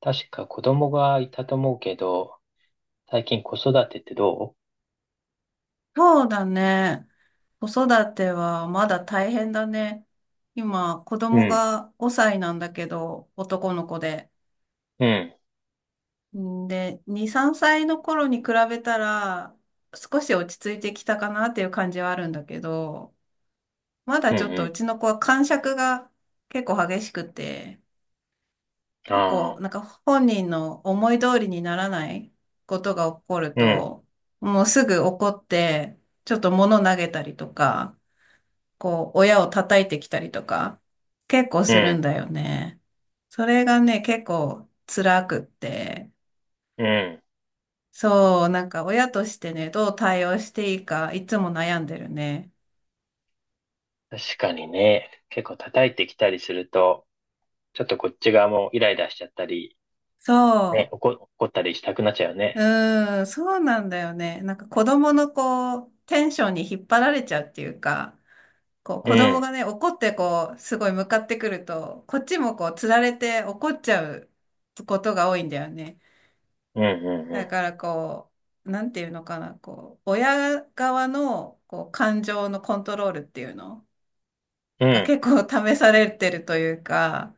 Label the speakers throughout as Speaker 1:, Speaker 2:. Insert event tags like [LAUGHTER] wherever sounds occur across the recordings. Speaker 1: 確か子供がいたと思うけど、最近子育てってど
Speaker 2: そうだね。子育てはまだ大変だね。今、子
Speaker 1: うう
Speaker 2: 供
Speaker 1: ん、
Speaker 2: が5歳なんだけど、男の子で。
Speaker 1: うん、
Speaker 2: んで、2、3歳の頃に比べたら、少し落ち着いてきたかなっていう感じはあるんだけど、ま
Speaker 1: う
Speaker 2: だ
Speaker 1: ん、
Speaker 2: ちょっとう
Speaker 1: う
Speaker 2: ちの子は癇癪が結構激しくて、
Speaker 1: ん。
Speaker 2: 結
Speaker 1: ああ、
Speaker 2: 構なんか本人の思い通りにならないことが起こる
Speaker 1: うん、
Speaker 2: と、もうすぐ怒って、ちょっと物投げたりとか、こう、親を叩いてきたりとか、結構
Speaker 1: う
Speaker 2: する
Speaker 1: ん、
Speaker 2: んだよね。それがね、結構辛くって、
Speaker 1: うん。
Speaker 2: そう、なんか親としてね、どう対応していいか、いつも悩んでるね。
Speaker 1: 確かにね、結構叩いてきたりすると、ちょっとこっち側もイライラしちゃったり、ね、
Speaker 2: そ
Speaker 1: 怒ったりしたくなっちゃうよ
Speaker 2: う、
Speaker 1: ね。
Speaker 2: そうなんだよね。なんか子供のこう、テンションに引っ張られちゃうっていうか、こう、
Speaker 1: う
Speaker 2: 子供
Speaker 1: ん、
Speaker 2: がね、怒ってこう、すごい向かってくると、こっちもこう、つられて怒っちゃうことが多いんだよね。
Speaker 1: うん、
Speaker 2: だ
Speaker 1: う
Speaker 2: からこう、なんていうのかな、こう、親側のこう感情のコントロールっていうの
Speaker 1: ん、うん、う
Speaker 2: が
Speaker 1: ん、
Speaker 2: 結構試されてるというか、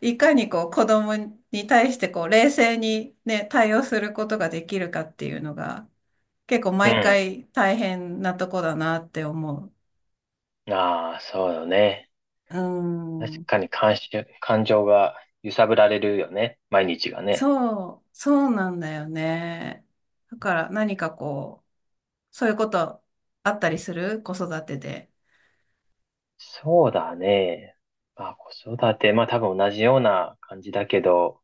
Speaker 2: いかにこう子供に対してこう冷静にね、対応することができるかっていうのが結構
Speaker 1: う
Speaker 2: 毎回大変なとこだなって思う。
Speaker 1: ああ、そうよね。
Speaker 2: う
Speaker 1: 確
Speaker 2: ん。
Speaker 1: かに感情が揺さぶられるよね。毎日がね。
Speaker 2: そう、そうなんだよね。だから何かこう、そういうことあったりする子育てで。
Speaker 1: そうだね。まあ、子育て、まあ多分同じような感じだけど、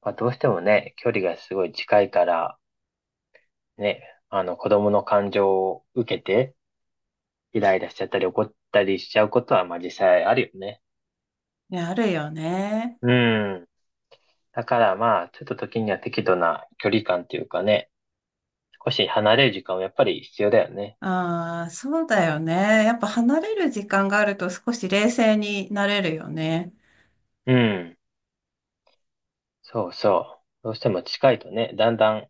Speaker 1: まあどうしてもね、距離がすごい近いから、ね、あの子供の感情を受けて、イライラしちゃったり怒ったりしちゃうことは、まあ実際あるよね。
Speaker 2: いや、あるよね。
Speaker 1: うん。だからまあ、ちょっと時には適度な距離感っていうかね、少し離れる時間はやっぱり必要だよね。
Speaker 2: ああ、そうだよね。やっぱ離れる時間があると少し冷静になれるよね。
Speaker 1: うん。そうそう。どうしても近いとね、だんだん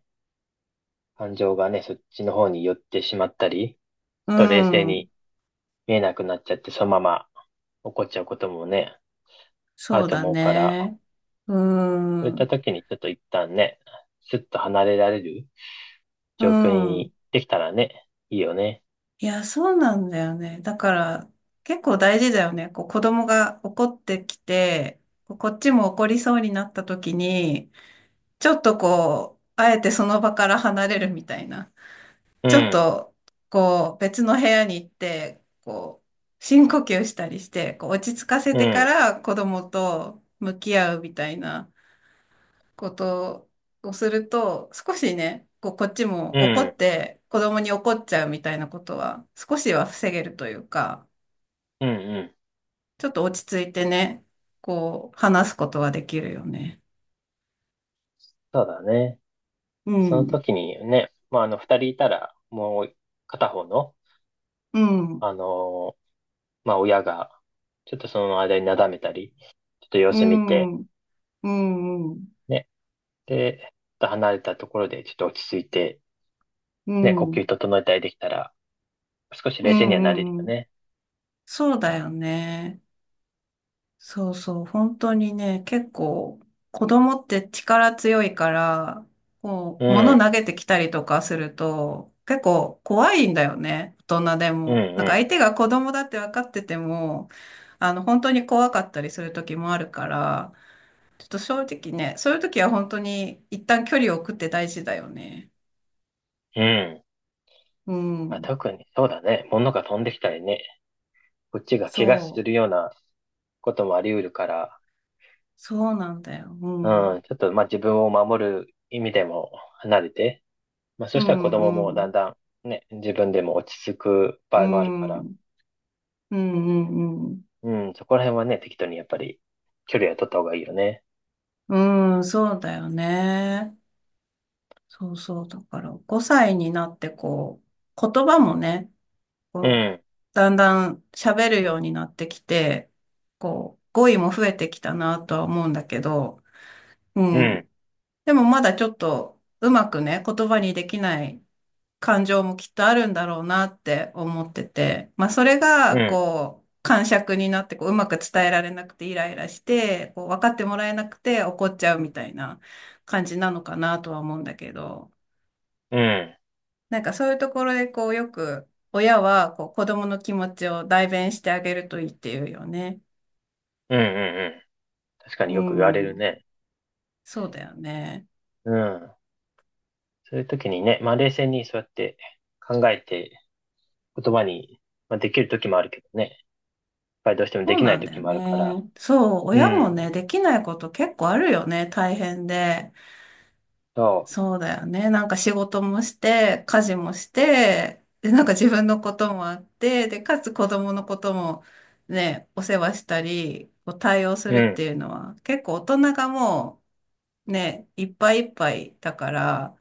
Speaker 1: 感情がね、そっちの方に寄ってしまったり、ちょっ
Speaker 2: う
Speaker 1: と冷静
Speaker 2: ん。
Speaker 1: に見えなくなっちゃって、そのまま起こっちゃうこともね、ある
Speaker 2: そう
Speaker 1: と
Speaker 2: だ
Speaker 1: 思うから、
Speaker 2: ね。う
Speaker 1: そういった
Speaker 2: ん。
Speaker 1: 時にちょっと一旦ね、スッと離れられる
Speaker 2: う
Speaker 1: 状況
Speaker 2: ん。
Speaker 1: にできたらね、いいよね。
Speaker 2: いや、そうなんだよね。だから、結構大事だよね。こう、子供が怒ってきて、こうこっちも怒りそうになった時に、ちょっとこう、あえてその場から離れるみたいな。
Speaker 1: う
Speaker 2: ちょっ
Speaker 1: ん、
Speaker 2: と、こう、別の部屋に行って、こう、深呼吸したりして、こう、落ち着かせ
Speaker 1: う
Speaker 2: てか
Speaker 1: ん、
Speaker 2: ら子供と向き合うみたいなことをすると、少しね、こう、こっち
Speaker 1: う
Speaker 2: も怒
Speaker 1: ん、
Speaker 2: って、子供に怒っちゃうみたいなことは、少しは防げるというか、
Speaker 1: うん、うん。
Speaker 2: ちょっと落ち着いてね、こう、話すことができるよね。
Speaker 1: そうだね。
Speaker 2: う
Speaker 1: その
Speaker 2: ん、
Speaker 1: 時にね、まあ、あの、二人いたら、もう片方の、
Speaker 2: うん、
Speaker 1: あのーまあ、親が、ちょっとその間になだめたり、ちょっと様
Speaker 2: う
Speaker 1: 子見て、
Speaker 2: ん、うん、うん、う
Speaker 1: ね、で、ちょっと離れたところで、ちょっと落ち着いて、ね、呼
Speaker 2: ん、
Speaker 1: 吸整えたりできたら、少し
Speaker 2: う
Speaker 1: 冷静にはなれるよ
Speaker 2: ん、うん、
Speaker 1: ね。
Speaker 2: そうだよね。そうそう、本当にね、結構、子供って力強いから、こ
Speaker 1: う
Speaker 2: う、物
Speaker 1: ん、
Speaker 2: 投げてきたりとかすると、結構怖いんだよね、大人で
Speaker 1: うん、う
Speaker 2: も。なんか
Speaker 1: ん、
Speaker 2: 相手が子供だって分かってても、本当に怖かったりする時もあるから、ちょっと正直ね、そういう時は本当に一旦距離を置くって大事だよね。
Speaker 1: うん。
Speaker 2: う
Speaker 1: まあ、
Speaker 2: ん、
Speaker 1: 特にそうだね。物が飛んできたりね。こっちが怪我す
Speaker 2: そう、
Speaker 1: るようなこともあり得るから、
Speaker 2: そうなんだよ。うん、う
Speaker 1: うん、
Speaker 2: ん、
Speaker 1: ちょっとまあ自分を守る意味でも離れて、まあそ
Speaker 2: う
Speaker 1: したら子供もだん
Speaker 2: ん、
Speaker 1: だんね、自分でも落ち着く
Speaker 2: う
Speaker 1: 場合もあるか
Speaker 2: ん、
Speaker 1: ら、
Speaker 2: うん、うん、うん。
Speaker 1: うん、そこら辺はね、適当にやっぱり距離は取った方がいいよね。
Speaker 2: うん、そうだよね。そうそう。だから、5歳になって、こう、言葉もね、
Speaker 1: う
Speaker 2: こう、
Speaker 1: ん、
Speaker 2: だんだん喋るようになってきて、こう、語彙も増えてきたなとは思うんだけど、う
Speaker 1: うん、
Speaker 2: ん。でもまだちょっと、うまくね、言葉にできない感情もきっとあるんだろうなって思ってて、まあそれ
Speaker 1: う
Speaker 2: が
Speaker 1: ん、
Speaker 2: こう、癇癪になってこう、うまく伝えられなくてイライラして、こう、分かってもらえなくて怒っちゃうみたいな感じなのかなとは思うんだけど、
Speaker 1: うん、うん、
Speaker 2: なんかそういうところでこう、よく親はこう、子供の気持ちを代弁してあげるといいっていうよね。
Speaker 1: うん、うん。確かに
Speaker 2: う
Speaker 1: よく言われる
Speaker 2: ん、
Speaker 1: ね。
Speaker 2: そうだよね。
Speaker 1: うん。そういう時にね、まあ冷静にそうやって考えて言葉に、まあ、できる時もあるけどね、やっぱりどうしても
Speaker 2: そ
Speaker 1: で
Speaker 2: う
Speaker 1: きな
Speaker 2: な
Speaker 1: い
Speaker 2: んだ
Speaker 1: 時
Speaker 2: よ
Speaker 1: もあるから、
Speaker 2: ね。そう、
Speaker 1: う
Speaker 2: 親も
Speaker 1: ん、
Speaker 2: ね、できないこと結構あるよね、大変で。
Speaker 1: そ
Speaker 2: そうだよね。なんか仕事もして、家事もして、で、なんか自分のこともあって、で、かつ子供のこともね、お世話したり、こう対応す
Speaker 1: う、う
Speaker 2: るっ
Speaker 1: ん、
Speaker 2: ていうのは、結構大人がもうね、いっぱいいっぱいだから、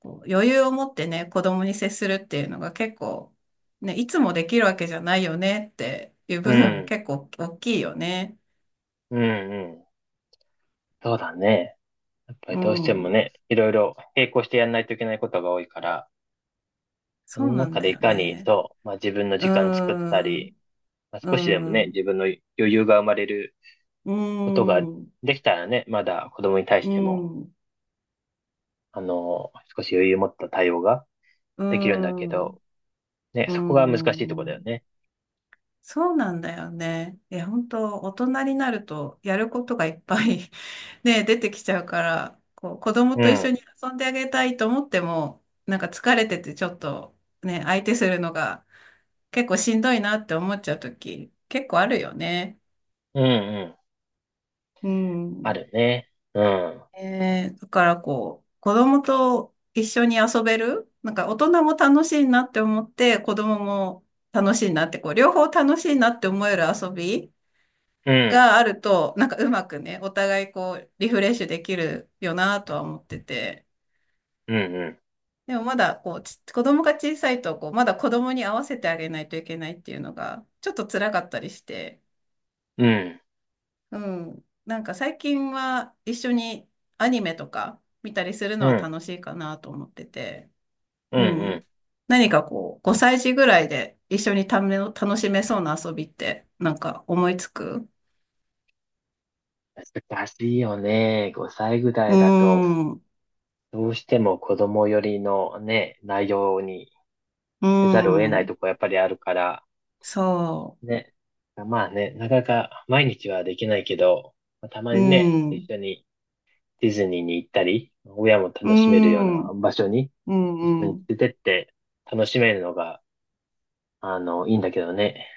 Speaker 2: こう余裕を持ってね、子供に接するっていうのが結構、ね、いつもできるわけじゃないよねっていう
Speaker 1: う
Speaker 2: 部分も
Speaker 1: ん、
Speaker 2: 結構大きいよね。
Speaker 1: うん、うん、そうだね。やっぱり
Speaker 2: う
Speaker 1: どうしても
Speaker 2: ん。
Speaker 1: ね、いろいろ並行してやんないといけないことが多いから、そ
Speaker 2: そう
Speaker 1: の
Speaker 2: なん
Speaker 1: 中で
Speaker 2: だ
Speaker 1: い
Speaker 2: よ
Speaker 1: かに
Speaker 2: ね。
Speaker 1: そう、まあ自分の
Speaker 2: うー
Speaker 1: 時間作ったり、
Speaker 2: ん。
Speaker 1: まあ、
Speaker 2: う
Speaker 1: 少しでも
Speaker 2: ん。
Speaker 1: ね、
Speaker 2: う
Speaker 1: 自分の余裕が生まれる
Speaker 2: ー
Speaker 1: ことが
Speaker 2: ん。
Speaker 1: できたらね、まだ子供に対し
Speaker 2: う
Speaker 1: ても、
Speaker 2: ん、うん、
Speaker 1: あの、少し余裕を持った対応が
Speaker 2: う
Speaker 1: できるんだけ
Speaker 2: ん、
Speaker 1: ど、
Speaker 2: う
Speaker 1: ね、そこが難しいとこ
Speaker 2: ん、
Speaker 1: だ
Speaker 2: う
Speaker 1: よ
Speaker 2: ん
Speaker 1: ね。
Speaker 2: そうなんだよね。え、本当大人になるとやることがいっぱい [LAUGHS] ね、出てきちゃうから、こう、子供
Speaker 1: う
Speaker 2: と一
Speaker 1: ん。
Speaker 2: 緒に遊んであげたいと思っても、なんか疲れててちょっとね、相手するのが結構しんどいなって思っちゃうとき、結構あるよね。
Speaker 1: うん、うん。
Speaker 2: う
Speaker 1: あ
Speaker 2: ん。
Speaker 1: るね。うん。
Speaker 2: だからこう、子供と一緒に遊べる、なんか大人も楽しいなって思って、子供も楽しいなって、こう、両方楽しいなって思える遊び
Speaker 1: うん。
Speaker 2: があると、なんかうまくね、お互いこう、リフレッシュできるよなとは思ってて。
Speaker 1: うん、うん。
Speaker 2: でもまだこう、子供が小さいと、こう、まだ子供に合わせてあげないといけないっていうのが、ちょっと辛かったりして、
Speaker 1: うん。
Speaker 2: うん。なんか最近は一緒にアニメとか見たりするの
Speaker 1: う
Speaker 2: は
Speaker 1: ん。
Speaker 2: 楽しいかなと思ってて。
Speaker 1: うん、
Speaker 2: う
Speaker 1: うん。
Speaker 2: ん。何かこう、5歳児ぐらいで一緒に楽しめそうな遊びって、なんか思いつく
Speaker 1: 難しいよね。5歳ぐら
Speaker 2: うー
Speaker 1: いだと、
Speaker 2: ん、う
Speaker 1: どうしても子供寄りのね、内容に
Speaker 2: ー
Speaker 1: せざるを得ないと
Speaker 2: ん、
Speaker 1: こやっぱりあるから、
Speaker 2: そ
Speaker 1: ね。まあね、なかなか毎日はできないけど、まあたま
Speaker 2: う、う
Speaker 1: にね、
Speaker 2: ん、う
Speaker 1: 一緒にディズニーに行ったり、親も
Speaker 2: ー
Speaker 1: 楽しめるような
Speaker 2: ん、うん、
Speaker 1: 場所に一緒
Speaker 2: う
Speaker 1: に
Speaker 2: ん。
Speaker 1: 連れてって楽しめるのがあの、いいんだけどね。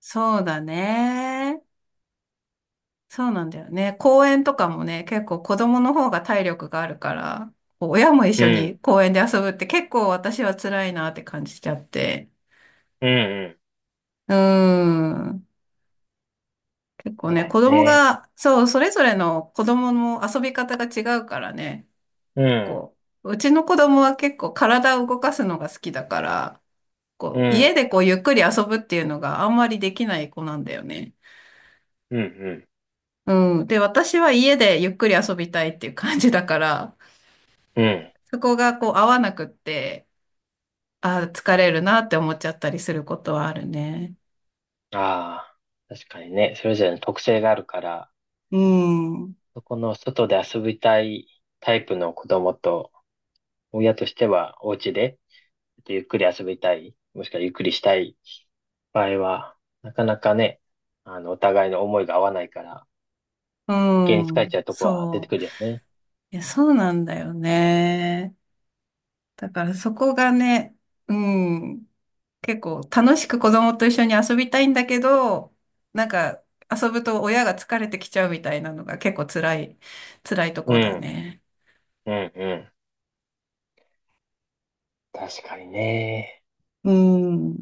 Speaker 2: そうだね。そうなんだよね。公園とかもね、結構子供の方が体力があるから、こう親も一
Speaker 1: う
Speaker 2: 緒
Speaker 1: ん、
Speaker 2: に公園で遊ぶって結構私は辛いなって感じちゃって。
Speaker 1: うん、うん。
Speaker 2: うーん。結構
Speaker 1: そう
Speaker 2: ね、
Speaker 1: だよ
Speaker 2: 子供
Speaker 1: ね。
Speaker 2: が、そう、それぞれの子供の遊び方が違うからね、
Speaker 1: う
Speaker 2: 結
Speaker 1: ん、
Speaker 2: 構、うちの子供は結構体を動かすのが好きだから、
Speaker 1: う
Speaker 2: こう、家
Speaker 1: ん、
Speaker 2: でこうゆっくり遊ぶっていうのがあんまりできない子なんだよね。
Speaker 1: うん、うん、
Speaker 2: うん。で、私は家でゆっくり遊びたいっていう感じだから、
Speaker 1: うん。
Speaker 2: そこがこう合わなくって、あー疲れるなって思っちゃったりすることはあるね。
Speaker 1: ああ、確かにね。それぞれの特性があるから、
Speaker 2: うん。
Speaker 1: そこの外で遊びたいタイプの子供と、親としてはお家で、ちょっとゆっくり遊びたい、もしくはゆっくりしたい場合は、なかなかね、あの、お互いの思いが合わないから、
Speaker 2: う
Speaker 1: 余計に疲れち
Speaker 2: ん。
Speaker 1: ゃうとこは出て
Speaker 2: そ
Speaker 1: く
Speaker 2: う。
Speaker 1: るよね。
Speaker 2: いや、そうなんだよね。だからそこがね、うん、結構楽しく子供と一緒に遊びたいんだけど、なんか遊ぶと親が疲れてきちゃうみたいなのが結構辛い、辛いと
Speaker 1: う
Speaker 2: こだ
Speaker 1: ん、
Speaker 2: ね。
Speaker 1: うん、うん。確かにね。
Speaker 2: うん。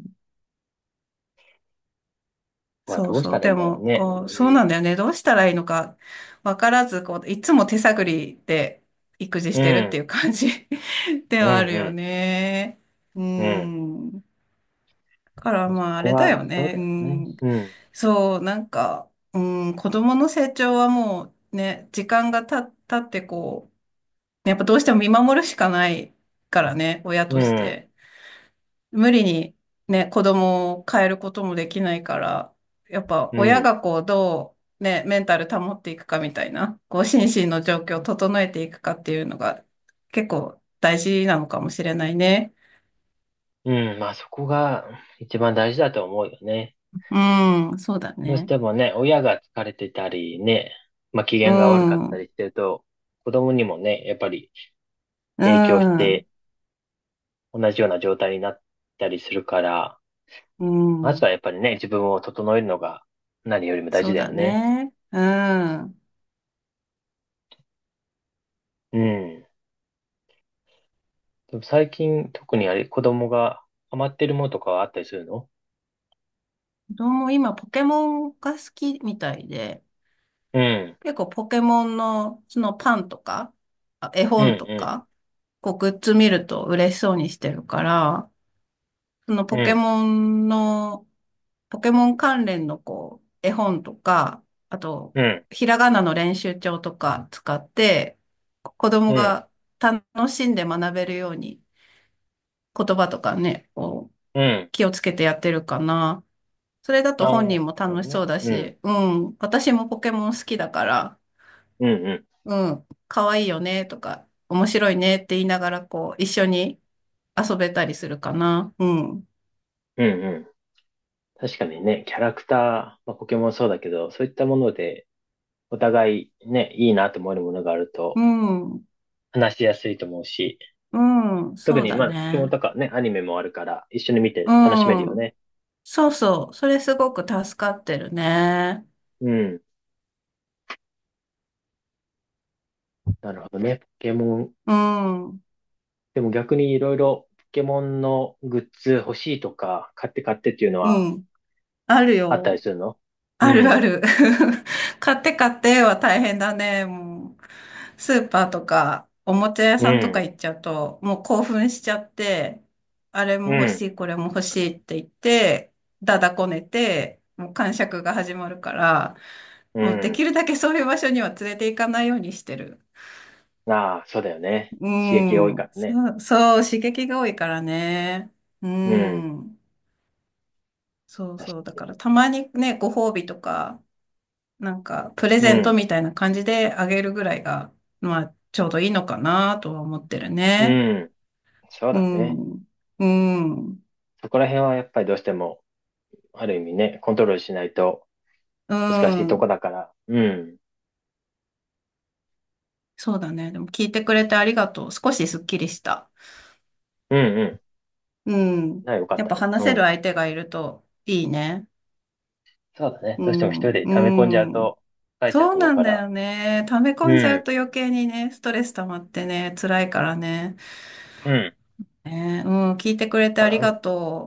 Speaker 1: は
Speaker 2: そ
Speaker 1: ど
Speaker 2: う
Speaker 1: うし
Speaker 2: そ
Speaker 1: た
Speaker 2: う。
Speaker 1: らいい
Speaker 2: で
Speaker 1: んだろう
Speaker 2: も、
Speaker 1: ね。
Speaker 2: こう、そうなんだよね。どうしたらいいのかわからず、こう、いつも手探りで育児
Speaker 1: う
Speaker 2: してるってい
Speaker 1: ん。
Speaker 2: う感じ [LAUGHS] で
Speaker 1: うん。
Speaker 2: はある
Speaker 1: う
Speaker 2: よ
Speaker 1: ん。
Speaker 2: ね。う
Speaker 1: うん。うん
Speaker 2: ん。から
Speaker 1: そ
Speaker 2: まああ
Speaker 1: こ
Speaker 2: れだよ
Speaker 1: は、そう
Speaker 2: ね。
Speaker 1: だ
Speaker 2: う
Speaker 1: よね。
Speaker 2: ん。
Speaker 1: うん。
Speaker 2: そう、なんか、うん、子供の成長はもうね、時間が経ってこう、やっぱどうしても見守るしかないからね、親
Speaker 1: う
Speaker 2: とし
Speaker 1: ん。
Speaker 2: て。無理にね、子供を変えることもできないから、やっぱ
Speaker 1: う
Speaker 2: 親
Speaker 1: ん。
Speaker 2: がこう、どうね、メンタル保っていくかみたいな、こう、心身の状況を整えていくかっていうのが結構大事なのかもしれないね。
Speaker 1: うん。まあそこが一番大事だと思うよね。
Speaker 2: うん、そうだ
Speaker 1: どうし
Speaker 2: ね。
Speaker 1: てもね、親が疲れてたりね、まあ機
Speaker 2: う
Speaker 1: 嫌が悪かったり
Speaker 2: ん。
Speaker 1: してると、子供にもね、やっぱり
Speaker 2: う
Speaker 1: 影響し
Speaker 2: ん。
Speaker 1: て同じような状態になったりするから、
Speaker 2: う
Speaker 1: まず
Speaker 2: ん、
Speaker 1: はやっぱりね、自分を整えるのが何よりも大
Speaker 2: そ
Speaker 1: 事
Speaker 2: う
Speaker 1: だよ
Speaker 2: だ
Speaker 1: ね。
Speaker 2: ね。うん。
Speaker 1: うん。でも最近特にあれ、子供がハマってるものとかはあったりするの
Speaker 2: 子供、今、ポケモンが好きみたいで、
Speaker 1: うん、
Speaker 2: 結構ポケモンの、そのパンとか、あ絵
Speaker 1: う
Speaker 2: 本と
Speaker 1: ん、
Speaker 2: か、こう、グッズ見ると嬉しそうにしてるから、その
Speaker 1: うん、
Speaker 2: ポ
Speaker 1: う
Speaker 2: ケ
Speaker 1: ん、
Speaker 2: モンの、ポケモン関連のこう、絵本とか、あと、
Speaker 1: うん、
Speaker 2: ひらがなの練習帳とか使って、子
Speaker 1: う
Speaker 2: 供
Speaker 1: ん、
Speaker 2: が楽しんで学べるように、言葉とかね、こう、
Speaker 1: うん。
Speaker 2: 気をつけてやってるかな。それだ
Speaker 1: あ
Speaker 2: と本
Speaker 1: あ、
Speaker 2: 人も
Speaker 1: そう
Speaker 2: 楽しそ
Speaker 1: ね。
Speaker 2: うだ
Speaker 1: うん、
Speaker 2: し、うん、私もポケモン好きだから、
Speaker 1: うん、うん、
Speaker 2: うん、可愛いよねとか、面白いねって言いながら、こう、一緒に遊べたりするかな。うん、
Speaker 1: うん、うん。確かにね、キャラクター、まあ、ポケモンそうだけど、そういったもので、お互いね、いいなと思えるものがある
Speaker 2: う
Speaker 1: と、
Speaker 2: ん、
Speaker 1: 話しやすいと思うし、
Speaker 2: うん、
Speaker 1: 特
Speaker 2: そう
Speaker 1: に
Speaker 2: だ
Speaker 1: まあ、ポケモン
Speaker 2: ね。
Speaker 1: とかね、アニメもあるから、一緒に見
Speaker 2: う
Speaker 1: て楽しめるよ
Speaker 2: ん、
Speaker 1: ね。
Speaker 2: そうそう、それすごく助かってるね。
Speaker 1: うん。なるほどね。ポケモン
Speaker 2: うん、う
Speaker 1: でも逆にいろいろポケモンのグッズ欲しいとか、買って買ってっていうのは
Speaker 2: ん、ある
Speaker 1: あったり
Speaker 2: よ。
Speaker 1: するのう
Speaker 2: あるあ
Speaker 1: ん、
Speaker 2: る。[LAUGHS] 買って買っては大変だね。もう、スーパーとか、おもちゃ屋
Speaker 1: う
Speaker 2: さんとか
Speaker 1: ん、
Speaker 2: 行っちゃうと、もう興奮しちゃって、あれも
Speaker 1: う
Speaker 2: 欲し
Speaker 1: ん、
Speaker 2: い、これも欲しいって言って、だだこねて、もう癇癪が始まるから、
Speaker 1: う
Speaker 2: もうで
Speaker 1: ん。
Speaker 2: きるだけそういう場所には連れて行かないようにしてる。
Speaker 1: ああ、そうだよね。
Speaker 2: う
Speaker 1: 刺激が多いか
Speaker 2: ん。
Speaker 1: らね。
Speaker 2: そう、そう、刺激が多いからね。う
Speaker 1: うん、
Speaker 2: ん。そう
Speaker 1: 確
Speaker 2: そう。だ
Speaker 1: かに。
Speaker 2: からたまにね、ご褒美とか、なんか、プレ
Speaker 1: う
Speaker 2: ゼント
Speaker 1: ん、
Speaker 2: みたいな感じであげるぐらいが、まあ、ちょうどいいのかなとは思ってる
Speaker 1: う
Speaker 2: ね。
Speaker 1: ん、そう
Speaker 2: う
Speaker 1: だね。
Speaker 2: ん。うん。
Speaker 1: そこら辺はやっぱりどうしても、ある意味ね、コントロールしないと
Speaker 2: う
Speaker 1: 難しいとこ
Speaker 2: ん。
Speaker 1: だから。うん、
Speaker 2: そうだね。でも聞いてくれてありがとう。少しすっきりした。
Speaker 1: うん、うん。
Speaker 2: うん。
Speaker 1: な、よかっ
Speaker 2: やっ
Speaker 1: た
Speaker 2: ぱ
Speaker 1: よ。
Speaker 2: 話
Speaker 1: う
Speaker 2: せる
Speaker 1: ん。
Speaker 2: 相手がいるといいね。
Speaker 1: そうだね。
Speaker 2: う
Speaker 1: どうしても一
Speaker 2: ん。
Speaker 1: 人で溜め込んじゃう
Speaker 2: うん。
Speaker 1: と、疲れちゃう
Speaker 2: そう
Speaker 1: と思う
Speaker 2: なん
Speaker 1: か
Speaker 2: だ
Speaker 1: ら。
Speaker 2: よね。溜め
Speaker 1: う
Speaker 2: 込んじゃう
Speaker 1: ん。
Speaker 2: と余計にね、ストレス溜まってね、辛いからね。ね、うん。聞いてくれてありがと